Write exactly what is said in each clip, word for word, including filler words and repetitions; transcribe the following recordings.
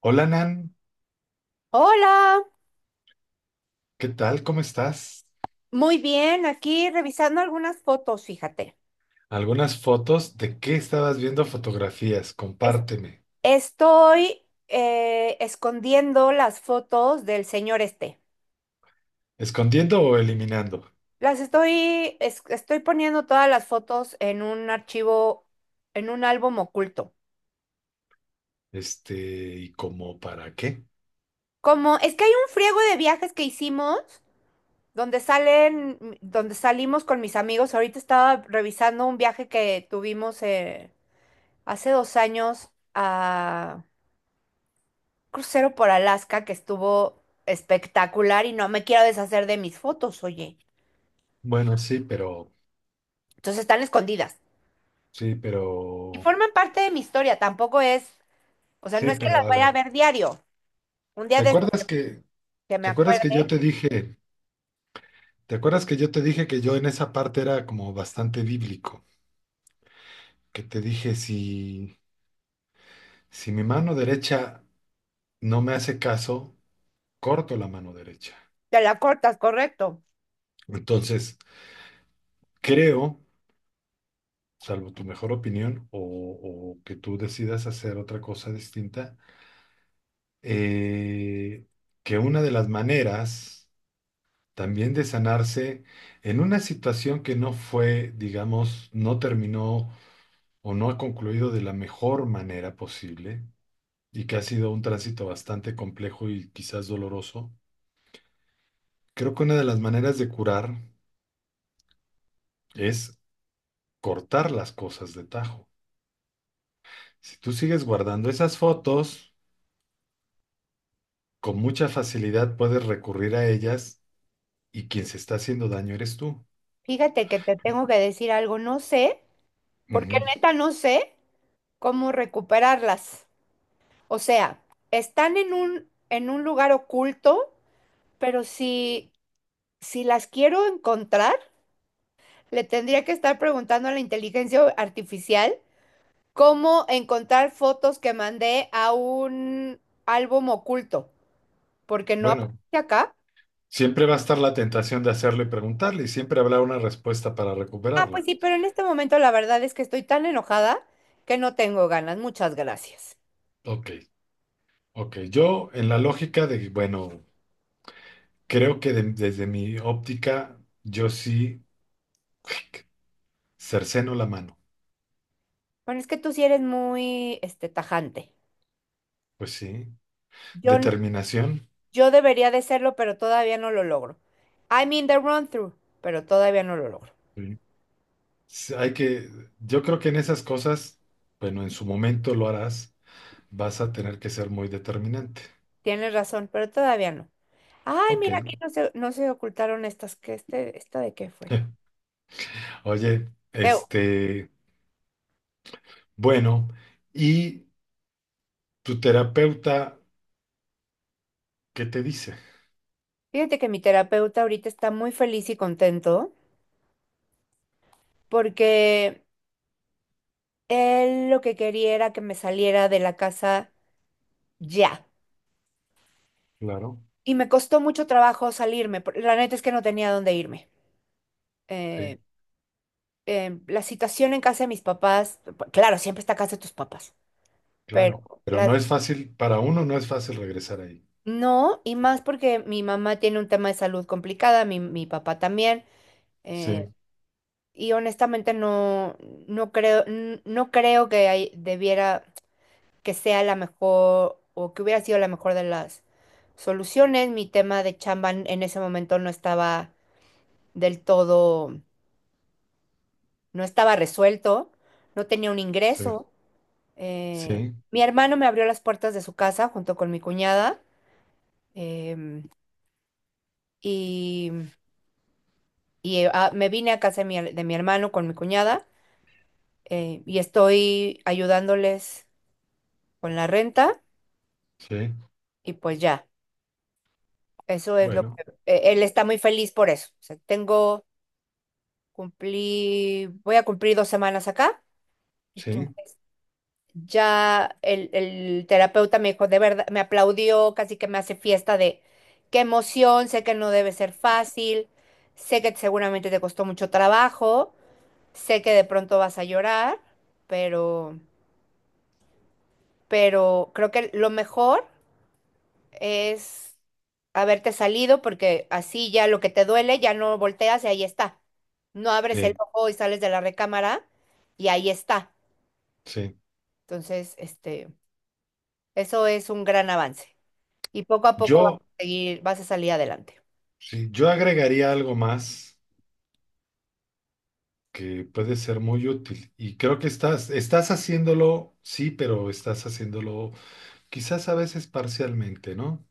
Hola Nan, Hola, ¿qué tal? ¿Cómo estás? muy bien, aquí revisando algunas fotos, fíjate. Algunas fotos de qué estabas viendo fotografías, Es- compárteme. Estoy eh, escondiendo las fotos del señor este. ¿Escondiendo o eliminando? Las estoy, es- estoy poniendo todas las fotos en un archivo, en un álbum oculto. Este, ¿y cómo para qué? Como es que hay un friego de viajes que hicimos donde salen, mm, donde salimos con mis amigos. Ahorita estaba revisando un viaje que tuvimos eh, hace dos años, crucero por Alaska que estuvo espectacular, y no me quiero deshacer de mis fotos, oye. Bueno, sí, pero, Entonces están escondidas. sí, Y pero, forman parte de mi historia, tampoco es, o sea, no sí, es que pero las a vaya a ver. ver diario. Un día ¿Te de estos acuerdas que, que me te acuerdas que yo te acuerde, dije, ¿Te acuerdas que yo te dije que yo en esa parte era como bastante bíblico? Que te dije, si, si mi mano derecha no me hace caso, corto la mano derecha. te la cortas, correcto. Entonces, creo, salvo tu mejor opinión o, o que tú decidas hacer otra cosa distinta, eh, que una de las maneras también de sanarse en una situación que no fue, digamos, no terminó o no ha concluido de la mejor manera posible y que ha sido un tránsito bastante complejo y quizás doloroso, creo que una de las maneras de curar es cortar las cosas de tajo. Si tú sigues guardando esas fotos, con mucha facilidad puedes recurrir a ellas y quien se está haciendo daño eres tú. Fíjate que te tengo que decir algo, no sé, porque Ujú. neta no sé cómo recuperarlas. O sea, están en un, en un lugar oculto, pero si, si las quiero encontrar, le tendría que estar preguntando a la inteligencia artificial cómo encontrar fotos que mandé a un álbum oculto, porque no Bueno, aparece acá. siempre va a estar la tentación de hacerlo y preguntarle, y siempre habrá una respuesta para Ah, pues recuperarla. sí, pero en este momento la verdad es que estoy tan enojada que no tengo ganas. Muchas gracias. Ok, ok. Yo, en la lógica de, bueno, creo que, de- desde mi óptica, yo sí cerceno la mano. Bueno, es que tú sí eres muy, este, tajante. Pues sí. Yo, n- Determinación. yo debería de serlo, pero todavía no lo logro. I'm in the run-through, pero todavía no lo logro. Sí. S- Hay que, yo creo que en esas cosas, bueno, en su momento lo harás, vas a tener que ser muy determinante. Tienes razón, pero todavía no. Ay, Ok. mira, aquí no se, no se ocultaron estas. ¿Qué este, esta de qué fue? Oye, Eu- este, bueno, ¿y tu terapeuta qué te dice? Fíjate que mi terapeuta ahorita está muy feliz y contento porque él lo que quería era que me saliera de la casa ya. Claro, Y me costó mucho trabajo salirme. por- La neta es que no tenía dónde irme. sí, Eh, eh, la situación en casa de mis papás, p- claro, siempre está casa de tus papás, pero claro. Pero las no es fácil, para uno no es fácil regresar ahí. no, y más porque mi mamá tiene un tema de salud complicada, mi, mi papá también. eh, Sí, y honestamente no, no creo, n- no creo que hay- debiera que sea la mejor o que hubiera sido la mejor de las soluciones. Mi tema de chamba en en ese momento no estaba del todo, no estaba resuelto, no tenía un sí, ingreso. Eh, sí, mi hermano me abrió las puertas de su casa junto con mi cuñada, em, y, y, eh, ah, me vine a casa de mi, her- de mi hermano con mi cuñada. Eh, y estoy ayudándoles con la renta sí. y pues ya, eso es lo que... Bueno, eh, Él está muy feliz por eso. O sea, tengo... cumplí, voy a cumplir dos semanas acá. sí, Entonces, ya el, el terapeuta me dijo, de verdad, me aplaudió, casi que me hace fiesta de qué emoción, sé que no debe ser fácil, sé que seguramente te costó mucho trabajo, sé que de pronto vas a llorar, pero, pero creo que lo mejor es haberte salido porque así ya lo que te duele ya no volteas y ahí está. No abres el sí, ojo y sales de la recámara y ahí está. sí. Entonces, este, eso es un gran avance. Y poco a poco vas Yo, a seguir, vas a salir adelante. sí, yo agregaría algo más que puede ser muy útil. Y creo que estás, estás haciéndolo, sí, pero estás haciéndolo quizás a veces parcialmente, ¿no?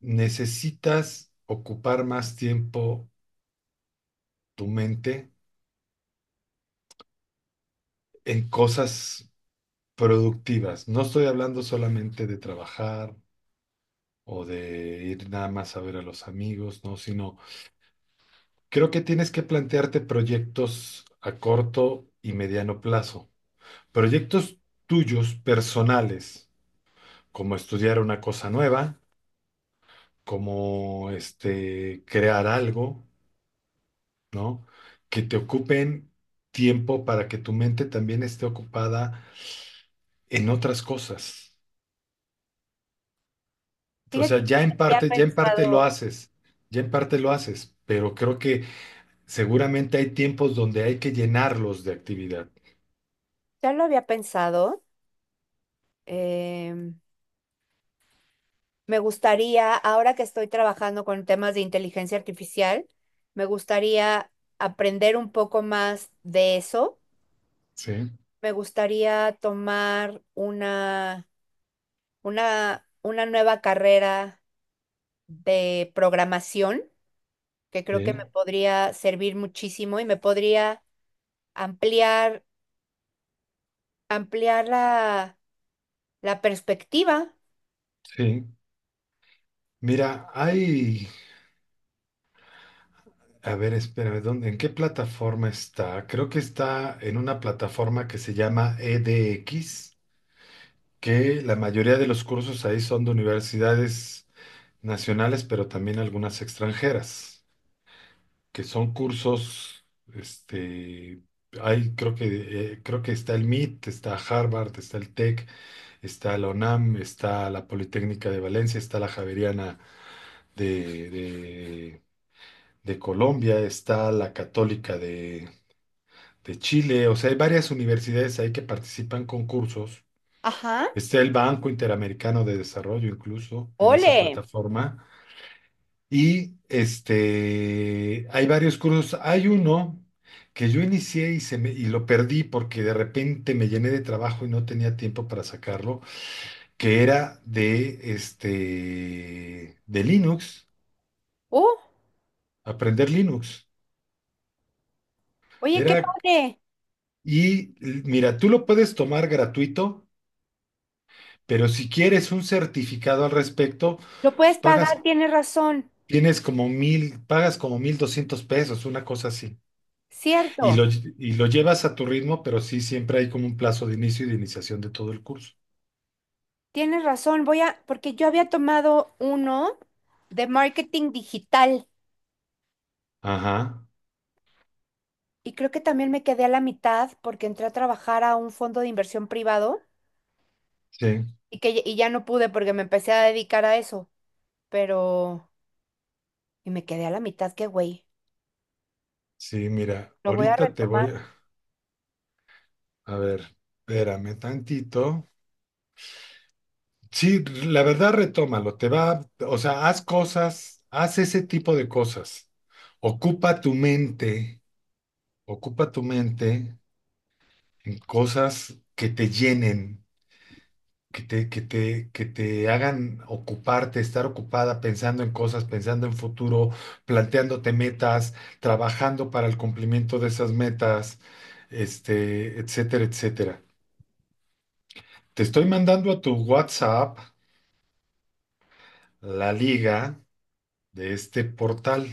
Necesitas ocupar más tiempo tu mente en cosas productivas. No estoy hablando solamente de trabajar o de ir nada más a ver a los amigos, no, sino creo que tienes que plantearte proyectos a corto y mediano plazo. Proyectos tuyos personales, como estudiar una cosa nueva, como este, crear algo, ¿no? Que te ocupen tiempo para que tu mente también esté ocupada en otras cosas. O Fíjate sea, que ya en ya he parte, ya en parte lo pensado, haces, ya en parte lo haces, pero creo que seguramente hay tiempos donde hay que llenarlos de actividad. ya lo había pensado. em, Me gustaría, ahora que estoy trabajando con temas de inteligencia artificial, me gustaría aprender un poco más de eso. Sí, Me gustaría tomar una, una, una nueva carrera de programación, que creo que me sí, podría servir muchísimo y me podría ampliar, ampliar la, la perspectiva. sí. Mira, hay, a ver, espérame, ¿dónde, en qué plataforma está? Creo que está en una plataforma que se llama E D X, que la mayoría de los cursos ahí son de universidades nacionales, pero también algunas extranjeras, que son cursos, este, hay, creo que, eh, creo que está el M I T, está Harvard, está el TEC, está la UNAM, está la Politécnica de Valencia, está la Javeriana de, de, de Colombia, está la Católica de, de Chile, o sea, hay varias universidades ahí que participan con cursos. Ajá. Está el Banco Interamericano de Desarrollo incluso en esa Ole. plataforma. Y este, hay varios cursos. Hay uno que yo inicié y, se me, y lo perdí porque de repente me llené de trabajo y no tenía tiempo para sacarlo, que era de, este, de Linux, Uh, aprender Linux. oye, qué Era, padre. y l- mira, tú lo puedes tomar gratuito, pero si quieres un certificado al respecto, Lo pues puedes pagar, pagas, tienes razón. tienes como mil, pagas como mil doscientos pesos, una cosa así. Y lo, Cierto, y lo llevas a tu ritmo, pero sí, siempre hay como un plazo de inicio y de iniciación de todo el curso. tienes razón. Voy a, porque yo había tomado uno de marketing digital Ajá, y creo que también me quedé a la mitad porque entré a trabajar a un fondo de inversión privado sí, y que y ya no pude porque me empecé a dedicar a eso. Pero y me quedé a la mitad, qué güey. sí, mira, Lo voy a ahorita te retomar. voy a... A ver, espérame tantito. Sí, la verdad, retómalo, te va, o sea, haz cosas, haz ese tipo de cosas. Ocupa tu mente, ocupa tu mente en cosas que te llenen, que te, que te, que te hagan ocuparte, estar ocupada pensando en cosas, pensando en futuro, planteándote metas, trabajando para el cumplimiento de esas metas, este, etcétera, etcétera. Te estoy mandando a tu WhatsApp la liga de este portal.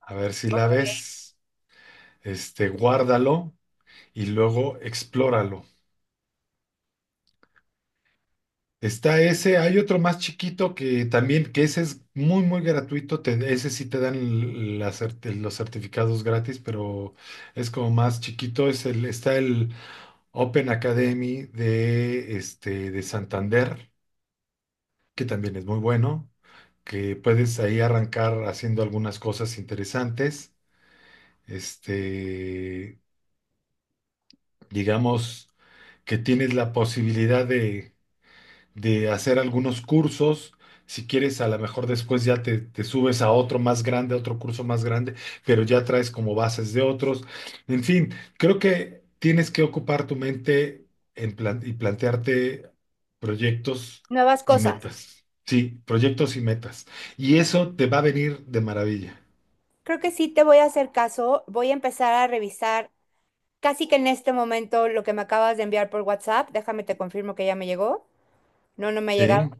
A ver si Ok. la ves. Este, guárdalo y luego explóralo. Está ese, hay otro más chiquito que también, que ese es muy, muy gratuito, te- ese sí te dan l- la cert- los certificados gratis, pero es como más chiquito, es el, está el Open Academy de, este, de Santander, que también es muy bueno, que puedes ahí arrancar haciendo algunas cosas interesantes, este, digamos que tienes la posibilidad de hacer algunos cursos. Si quieres, a lo mejor después ya te, te subes a otro más grande, a otro curso más grande, pero ya traes como bases de otros. En fin, creo que tienes que ocupar tu mente en plan- y plantearte proyectos Nuevas y cosas. metas. Sí, proyectos y metas. Y eso te va a venir de maravilla. Creo que sí te voy a hacer caso. Voy a empezar a revisar casi que en este momento lo que me acabas de enviar por WhatsApp. Déjame te confirmo que ya me llegó. No, no me ha llegado. Sí,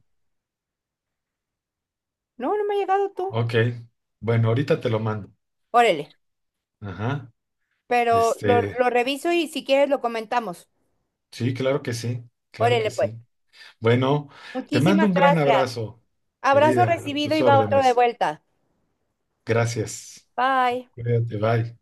No, no me ha llegado tú. ok. Bueno, ahorita te lo mando. Órale. Ajá. Pero lo, Este, lo reviso y si quieres lo comentamos. sí, claro que sí, claro Órale, que pues. sí. Bueno, te mando Muchísimas un gran gracias. abrazo, Abrazo querida, a recibido tus y va otro de órdenes. vuelta. Gracias. Bye. Cuídate, bye.